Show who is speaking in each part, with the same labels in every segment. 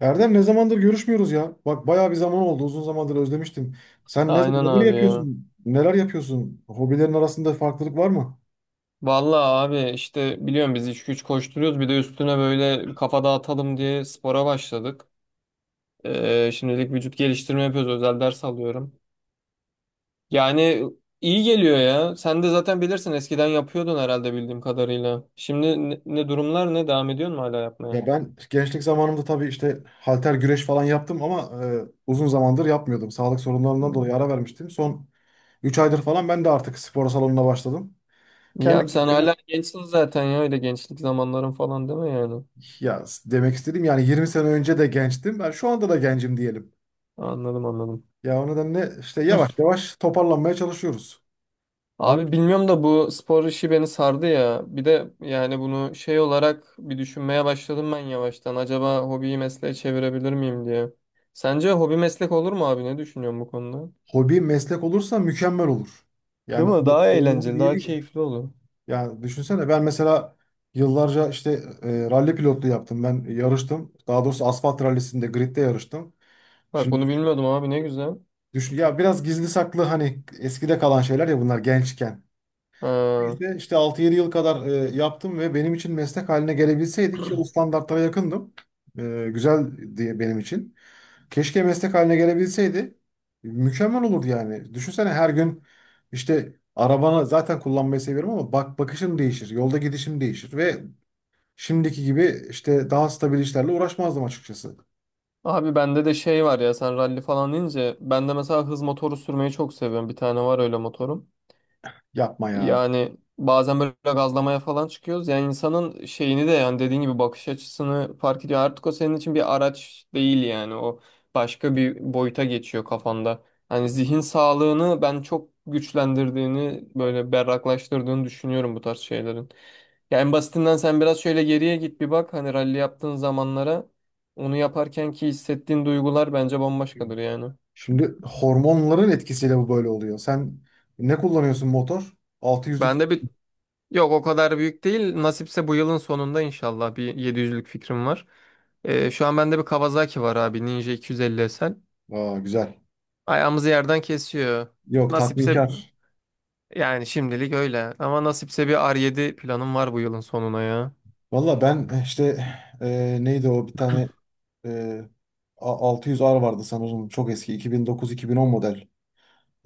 Speaker 1: Erdem, ne zamandır görüşmüyoruz ya. Bak bayağı bir zaman oldu. Uzun zamandır özlemiştim. Sen
Speaker 2: Aynen
Speaker 1: neler
Speaker 2: abi ya.
Speaker 1: yapıyorsun? Neler yapıyorsun? Hobilerin arasında farklılık var mı?
Speaker 2: Vallahi abi işte biliyorum biz iş güç koşturuyoruz bir de üstüne böyle kafa dağıtalım diye spora başladık. Şimdilik vücut geliştirme yapıyoruz, özel ders alıyorum. Yani iyi geliyor ya. Sen de zaten bilirsin, eskiden yapıyordun herhalde bildiğim kadarıyla. Şimdi ne durumlar, ne devam ediyorsun mu hala yapmaya?
Speaker 1: Ya ben gençlik zamanımda tabii işte halter güreş falan yaptım ama uzun zamandır yapmıyordum. Sağlık sorunlarından
Speaker 2: Hmm.
Speaker 1: dolayı ara vermiştim. Son 3 aydır falan ben de artık spor salonuna başladım.
Speaker 2: İyi
Speaker 1: Kendi
Speaker 2: abi, sen
Speaker 1: kendime
Speaker 2: hala gençsin zaten ya, öyle gençlik zamanların falan değil mi yani?
Speaker 1: Ya demek istediğim yani 20 sene önce de gençtim. Ben şu anda da gencim diyelim.
Speaker 2: Anladım, anladım.
Speaker 1: Ya o nedenle işte yavaş yavaş toparlanmaya çalışıyoruz.
Speaker 2: Abi bilmiyorum da bu spor işi beni sardı ya. Bir de yani bunu şey olarak bir düşünmeye başladım ben yavaştan. Acaba hobiyi mesleğe çevirebilir miyim diye. Sence hobi meslek olur mu abi? Ne düşünüyorsun bu konuda?
Speaker 1: Hobi meslek olursa mükemmel olur. Yani
Speaker 2: Değil mi? Daha
Speaker 1: olur mu
Speaker 2: eğlenceli,
Speaker 1: diye
Speaker 2: daha
Speaker 1: değil.
Speaker 2: keyifli olur.
Speaker 1: Yani düşünsene ben mesela yıllarca işte ralli pilotluğu yaptım. Ben yarıştım. Daha doğrusu asfalt rallisinde gridde yarıştım.
Speaker 2: Bak
Speaker 1: Şimdi
Speaker 2: bunu bilmiyordum abi, ne güzel.
Speaker 1: düşün ya biraz gizli saklı hani eskide kalan şeyler ya bunlar gençken.
Speaker 2: Ha.
Speaker 1: İşte, 6-7 yıl kadar yaptım ve benim için meslek haline gelebilseydi ki o standartlara yakındım. Güzel diye benim için. Keşke meslek haline gelebilseydi. Mükemmel olurdu yani. Düşünsene her gün işte arabanı zaten kullanmayı seviyorum ama bak bakışım değişir, yolda gidişim değişir ve şimdiki gibi işte daha stabil işlerle uğraşmazdım açıkçası.
Speaker 2: Abi bende de şey var ya, sen ralli falan deyince, ben de mesela hız motoru sürmeyi çok seviyorum. Bir tane var öyle motorum.
Speaker 1: Yapma ya.
Speaker 2: Yani bazen böyle gazlamaya falan çıkıyoruz. Yani insanın şeyini de, yani dediğin gibi, bakış açısını fark ediyor. Artık o senin için bir araç değil yani. O başka bir boyuta geçiyor kafanda. Hani zihin sağlığını ben çok güçlendirdiğini, böyle berraklaştırdığını düşünüyorum bu tarz şeylerin. Yani en basitinden sen biraz şöyle geriye git bir bak. Hani rally yaptığın zamanlara, onu yaparken ki hissettiğin duygular bence bambaşkadır yani.
Speaker 1: Şimdi hormonların etkisiyle bu böyle oluyor. Sen ne kullanıyorsun motor? 600'lük.
Speaker 2: Ben de bir Yok, o kadar büyük değil. Nasipse bu yılın sonunda inşallah bir 700'lük fikrim var. Şu an bende bir Kawasaki var abi. Ninja 250 SL.
Speaker 1: Aa, güzel.
Speaker 2: Ayağımızı yerden kesiyor.
Speaker 1: Yok,
Speaker 2: Nasipse
Speaker 1: tatminkar.
Speaker 2: yani şimdilik öyle. Ama nasipse bir R7 planım var bu yılın sonuna ya.
Speaker 1: Valla ben işte neydi o bir tane e, 600R vardı sanırım. Çok eski 2009-2010 model.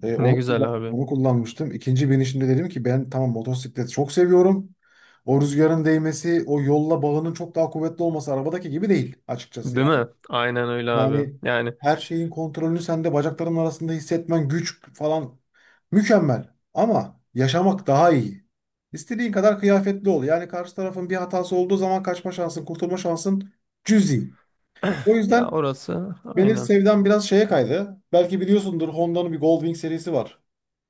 Speaker 1: E,
Speaker 2: Ne
Speaker 1: onu,
Speaker 2: güzel
Speaker 1: kullan-
Speaker 2: abi.
Speaker 1: onu kullanmıştım. İkinci binişimde dedim ki ben tamam, motosikleti çok seviyorum. O rüzgarın değmesi, o yolla bağının çok daha kuvvetli olması, arabadaki gibi değil açıkçası
Speaker 2: Değil
Speaker 1: yani.
Speaker 2: mi? Aynen öyle abi.
Speaker 1: Yani
Speaker 2: Yani,
Speaker 1: her şeyin kontrolünü sende bacakların arasında hissetmen, güç falan mükemmel. Ama yaşamak daha iyi. İstediğin kadar kıyafetli ol. Yani karşı tarafın bir hatası olduğu zaman kaçma şansın, kurtulma şansın cüzi. O
Speaker 2: ya
Speaker 1: yüzden
Speaker 2: orası
Speaker 1: benim
Speaker 2: aynen.
Speaker 1: sevdam biraz şeye kaydı. Belki biliyorsundur, Honda'nın bir Goldwing serisi var.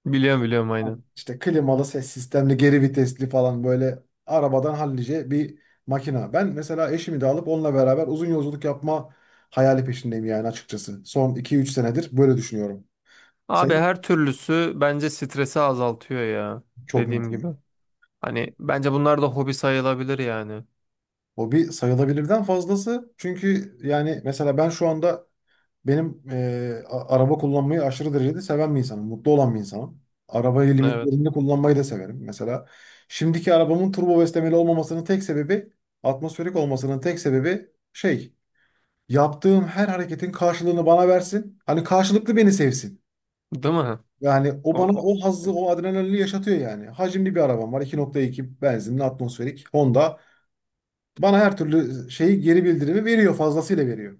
Speaker 2: Biliyorum, biliyorum, aynen.
Speaker 1: Tamam, İşte klimalı, ses sistemli, geri vitesli falan, böyle arabadan hallice bir makina. Ben mesela eşimi de alıp onunla beraber uzun yolculuk yapma hayali peşindeyim yani açıkçası. Son 2-3 senedir böyle düşünüyorum.
Speaker 2: Abi
Speaker 1: Sen
Speaker 2: her türlüsü bence stresi azaltıyor ya.
Speaker 1: çok
Speaker 2: Dediğim gibi.
Speaker 1: mutluyum.
Speaker 2: Hani bence bunlar da hobi sayılabilir yani.
Speaker 1: O bir sayılabilirden fazlası. Çünkü yani mesela ben şu anda. Araba kullanmayı aşırı derecede seven bir insanım. Mutlu olan bir insanım. Arabayı
Speaker 2: Evet.
Speaker 1: limitlerinde kullanmayı da severim. Mesela şimdiki arabamın turbo beslemeli olmamasının tek sebebi, atmosferik olmasının tek sebebi şey, yaptığım her hareketin karşılığını bana versin. Hani karşılıklı beni sevsin.
Speaker 2: Değil mi?
Speaker 1: Yani
Speaker 2: O,
Speaker 1: o bana
Speaker 2: o-
Speaker 1: o hazzı, o adrenalini yaşatıyor yani. Hacimli bir arabam var. 2,2 benzinli atmosferik Honda. Bana her türlü şeyi, geri bildirimi veriyor, fazlasıyla veriyor.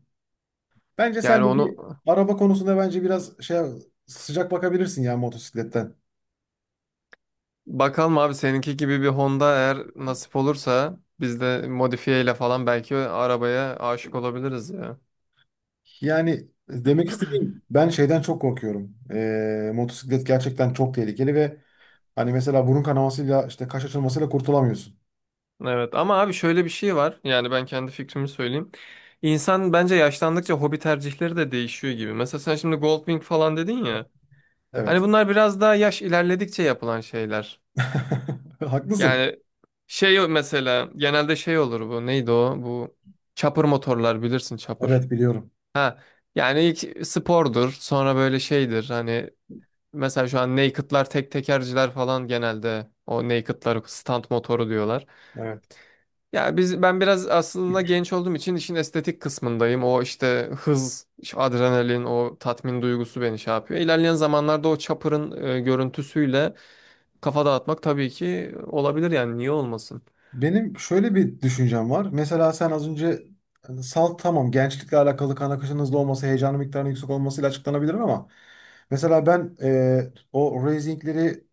Speaker 1: Bence sen
Speaker 2: Yani
Speaker 1: de
Speaker 2: onu,
Speaker 1: bir araba konusunda bence biraz şey, sıcak bakabilirsin ya motosikletten.
Speaker 2: bakalım abi, seninki gibi bir Honda eğer nasip olursa biz de modifiye ile falan belki arabaya aşık olabiliriz ya.
Speaker 1: Yani demek istediğim, ben şeyden çok korkuyorum. Motosiklet gerçekten çok tehlikeli ve hani mesela burun kanamasıyla, işte kaş açılmasıyla kurtulamıyorsun.
Speaker 2: Evet ama abi şöyle bir şey var. Yani ben kendi fikrimi söyleyeyim. İnsan bence yaşlandıkça hobi tercihleri de değişiyor gibi. Mesela sen şimdi Goldwing falan dedin ya. Hani
Speaker 1: Evet.
Speaker 2: bunlar biraz daha yaş ilerledikçe yapılan şeyler.
Speaker 1: Haklısın.
Speaker 2: Yani şey, mesela genelde şey olur bu. Neydi o? Bu çapır motorlar, bilirsin, çapır.
Speaker 1: Evet, biliyorum.
Speaker 2: Ha, yani ilk spordur, sonra böyle şeydir hani, mesela şu an naked'lar, tek tekerciler falan, genelde o naked'lar stand motoru diyorlar.
Speaker 1: Evet.
Speaker 2: Ya ben biraz aslında genç olduğum için işin estetik kısmındayım. O işte hız, şu adrenalin, o tatmin duygusu beni şey yapıyor. İlerleyen zamanlarda o chopper'ın görüntüsüyle kafa dağıtmak tabii ki olabilir yani, niye olmasın?
Speaker 1: Benim şöyle bir düşüncem var. Mesela sen az önce, hani salt tamam, gençlikle alakalı kan akışının hızlı olması, heyecanın miktarının yüksek olmasıyla açıklanabilir ama mesela ben e, o racingleri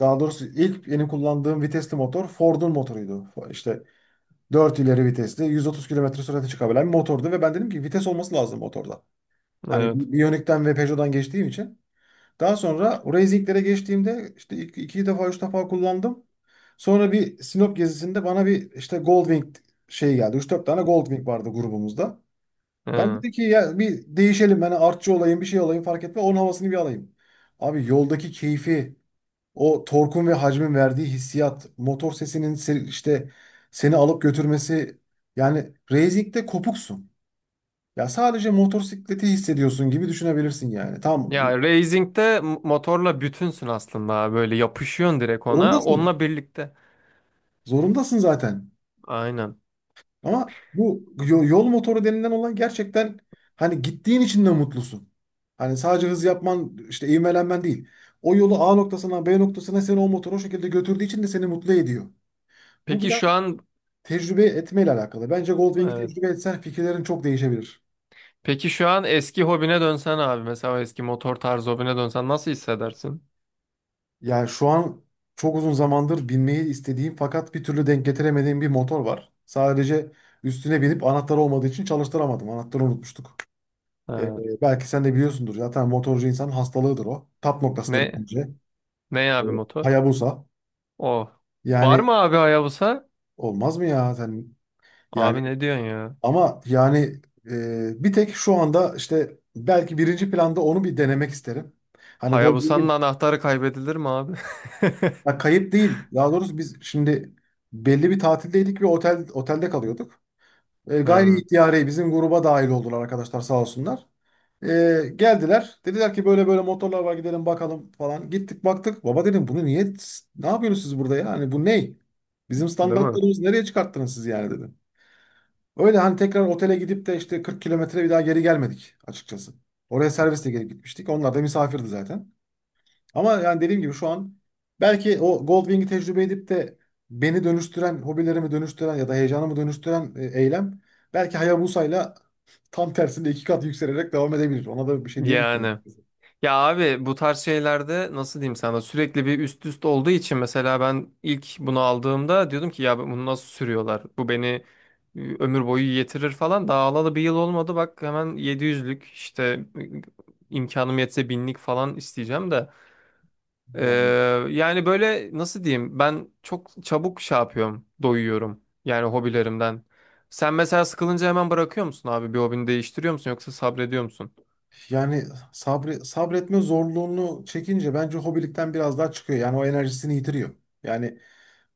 Speaker 1: Daha doğrusu ilk benim kullandığım vitesli motor Ford'un motoruydu. İşte 4 ileri vitesli, 130 kilometre sürate çıkabilen bir motordu ve ben dedim ki vites olması lazım motorda. Hani
Speaker 2: Evet.
Speaker 1: Bionic'ten ve Peugeot'dan geçtiğim için. Daha sonra racinglere geçtiğimde işte iki defa, üç defa kullandım. Sonra bir Sinop gezisinde bana bir işte Goldwing şey geldi. Üç 4 tane Goldwing vardı grubumuzda. Ben
Speaker 2: Hı.
Speaker 1: dedi ki ya bir değişelim, ben artçı olayım, bir şey olayım fark etme, onun havasını bir alayım. Abi yoldaki keyfi, o torkun ve hacmin verdiği hissiyat, motor sesinin işte seni alıp götürmesi, yani racing'de kopuksun. Ya sadece motosikleti hissediyorsun gibi düşünebilirsin yani.
Speaker 2: Ya racing'de motorla bütünsün aslında, böyle yapışıyorsun direkt ona,
Speaker 1: Zorundasın.
Speaker 2: onunla birlikte.
Speaker 1: Zorundasın zaten.
Speaker 2: Aynen.
Speaker 1: Ama bu yol motoru denilen olan, gerçekten hani gittiğin için de mutlusun. Hani sadece hız yapman, işte ivmelenmen değil. O yolu A noktasına, B noktasına seni o motor o şekilde götürdüğü için de seni mutlu ediyor. Bu
Speaker 2: Peki
Speaker 1: biraz
Speaker 2: şu an
Speaker 1: tecrübe etmeyle alakalı. Bence Goldwing'i
Speaker 2: Evet.
Speaker 1: tecrübe etsen fikirlerin çok değişebilir.
Speaker 2: Peki şu an eski hobine dönsen abi, mesela eski motor tarzı hobine dönsen nasıl hissedersin?
Speaker 1: Yani şu an çok uzun zamandır binmeyi istediğim fakat bir türlü denk getiremediğim bir motor var. Sadece üstüne binip anahtarı olmadığı için çalıştıramadım. Anahtarı unutmuştuk.
Speaker 2: Ha.
Speaker 1: Belki sen de biliyorsundur. Zaten motorcu insanın hastalığıdır o. Tap noktasıdır
Speaker 2: Ne
Speaker 1: bence.
Speaker 2: ne
Speaker 1: Ee,
Speaker 2: abi, motor?
Speaker 1: Hayabusa.
Speaker 2: O. Var
Speaker 1: Yani
Speaker 2: mı abi Hayabusa?
Speaker 1: olmaz mı ya sen? Yani
Speaker 2: Abi ne diyorsun ya?
Speaker 1: ama bir tek şu anda işte belki birinci planda onu bir denemek isterim. Hani
Speaker 2: Hayabusa'nın
Speaker 1: Goldwing'i.
Speaker 2: anahtarı kaybedilir mi abi?
Speaker 1: Ya kayıp değil. Daha doğrusu biz şimdi belli bir tatildeydik ve otel, otelde kalıyorduk. Gayri
Speaker 2: Hmm,
Speaker 1: ihtiyari bizim gruba dahil oldular arkadaşlar sağ olsunlar. E, Geldiler. Dediler ki böyle böyle motorlar var, gidelim bakalım falan. Gittik, baktık. Baba dedim bunu niye, ne yapıyorsunuz siz burada ya? Hani bu ney? Bizim
Speaker 2: değil mi?
Speaker 1: standartlarımızı nereye çıkarttınız siz yani dedim. Öyle hani tekrar otele gidip de işte 40 kilometre bir daha geri gelmedik açıkçası. Oraya servisle gelip gitmiştik. Onlar da misafirdi zaten. Ama yani dediğim gibi şu an belki o Goldwing'i tecrübe edip de beni dönüştüren, hobilerimi dönüştüren ya da heyecanımı dönüştüren eylem belki Hayabusa'yla tam tersinde 2 kat yükselerek devam edebilir. Ona da bir şey diyemiyorum.
Speaker 2: Yani. Ya abi, bu tarz şeylerde, nasıl diyeyim sana, sürekli bir üst üst olduğu için, mesela ben ilk bunu aldığımda diyordum ki ya bunu nasıl sürüyorlar? Bu beni ömür boyu yetirir falan. Daha alalı bir yıl olmadı, bak hemen 700'lük işte imkanım yetse binlik falan isteyeceğim de. Ee,
Speaker 1: Yani,
Speaker 2: Yani böyle nasıl diyeyim, ben çok çabuk şey yapıyorum, doyuyorum yani hobilerimden. Sen mesela sıkılınca hemen bırakıyor musun abi, bir hobini değiştiriyor musun, yoksa sabrediyor musun?
Speaker 1: yani, sabretme zorluğunu çekince bence hobilikten biraz daha çıkıyor. Yani o enerjisini yitiriyor. Yani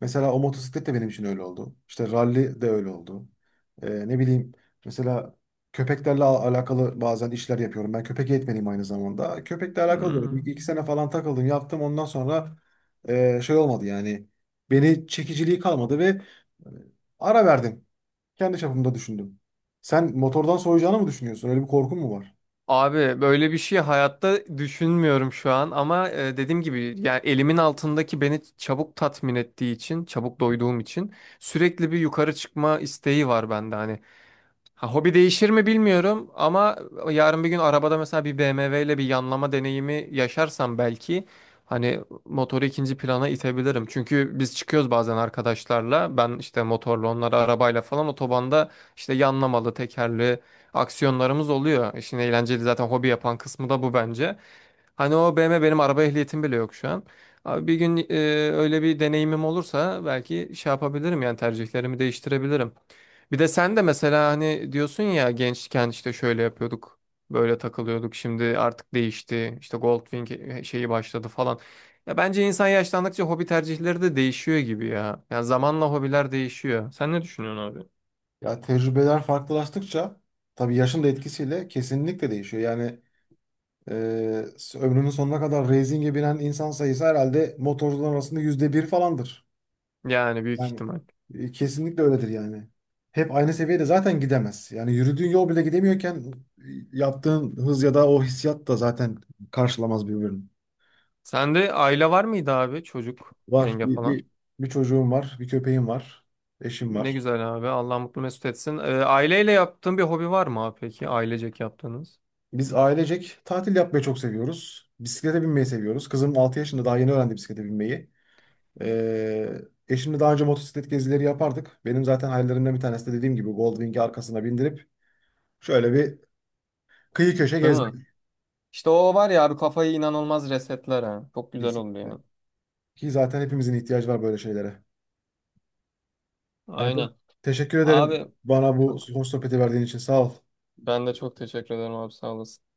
Speaker 1: mesela o motosiklet de benim için öyle oldu. İşte ralli de öyle oldu. Ne bileyim, mesela köpeklerle alakalı bazen işler yapıyorum. Ben köpek eğitmeniyim aynı zamanda. Köpekle alakalı da
Speaker 2: Hmm.
Speaker 1: iki sene falan takıldım, yaptım. Ondan sonra şey olmadı yani. Beni çekiciliği kalmadı ve e, ara verdim. Kendi çapımda düşündüm. Sen motordan soğuyacağını mı düşünüyorsun? Öyle bir korkun mu var?
Speaker 2: Abi böyle bir şey hayatta düşünmüyorum şu an, ama dediğim gibi, yani elimin altındaki beni çabuk tatmin ettiği için, çabuk doyduğum için sürekli bir yukarı çıkma isteği var bende hani. Ha, hobi değişir mi bilmiyorum ama yarın bir gün arabada mesela bir BMW ile bir yanlama deneyimi yaşarsam belki hani motoru ikinci plana itebilirim. Çünkü biz çıkıyoruz bazen arkadaşlarla, ben işte motorla, onları arabayla falan, otobanda işte yanlamalı, tekerli aksiyonlarımız oluyor. İşin eğlenceli, zaten hobi yapan kısmı da bu bence. Hani o BMW, benim araba ehliyetim bile yok şu an. Abi bir gün öyle bir deneyimim olursa belki şey yapabilirim yani, tercihlerimi değiştirebilirim. Bir de sen de mesela hani diyorsun ya, gençken işte şöyle yapıyorduk, böyle takılıyorduk. Şimdi artık değişti. İşte Goldwing şeyi başladı falan. Ya bence insan yaşlandıkça hobi tercihleri de değişiyor gibi ya. Yani zamanla hobiler değişiyor. Sen ne düşünüyorsun abi?
Speaker 1: Ya tecrübeler farklılaştıkça tabii yaşın da etkisiyle kesinlikle değişiyor. Yani Ee, ömrünün sonuna kadar racing'e binen insan sayısı herhalde motorcular arasında %1 falandır.
Speaker 2: Yani büyük
Speaker 1: Yani
Speaker 2: ihtimal.
Speaker 1: kesinlikle öyledir yani. Hep aynı seviyede zaten gidemez. Yani yürüdüğün yol bile gidemiyorken e, yaptığın hız ya da o hissiyat da zaten karşılamaz birbirini.
Speaker 2: Sende aile var mıydı abi? Çocuk,
Speaker 1: Var.
Speaker 2: yenge
Speaker 1: Bir,
Speaker 2: falan.
Speaker 1: bir, bir çocuğum var, bir köpeğim var, eşim
Speaker 2: Ne
Speaker 1: var.
Speaker 2: güzel abi. Allah mutlu mesut etsin. Aileyle yaptığın bir hobi var mı abi peki? Ailecek yaptığınız.
Speaker 1: Biz ailecek tatil yapmayı çok seviyoruz. Bisiklete binmeyi seviyoruz. Kızım 6 yaşında, daha yeni öğrendi bisiklete binmeyi. Ee, Eşimle daha önce motosiklet gezileri yapardık. Benim zaten hayallerimden bir tanesi de dediğim gibi Goldwing'i arkasına bindirip şöyle bir kıyı köşe
Speaker 2: Değil mi?
Speaker 1: gezmek,
Speaker 2: İşte o var ya abi, kafayı inanılmaz resetler ha. Çok güzel oldu
Speaker 1: kesinlikle.
Speaker 2: yani.
Speaker 1: Ki zaten hepimizin ihtiyacı var böyle şeylere. Erdem,
Speaker 2: Aynen.
Speaker 1: teşekkür ederim
Speaker 2: Abi
Speaker 1: bana bu hoş sohbeti verdiğin için. Sağ ol.
Speaker 2: ben de çok teşekkür ederim abi, sağ olasın.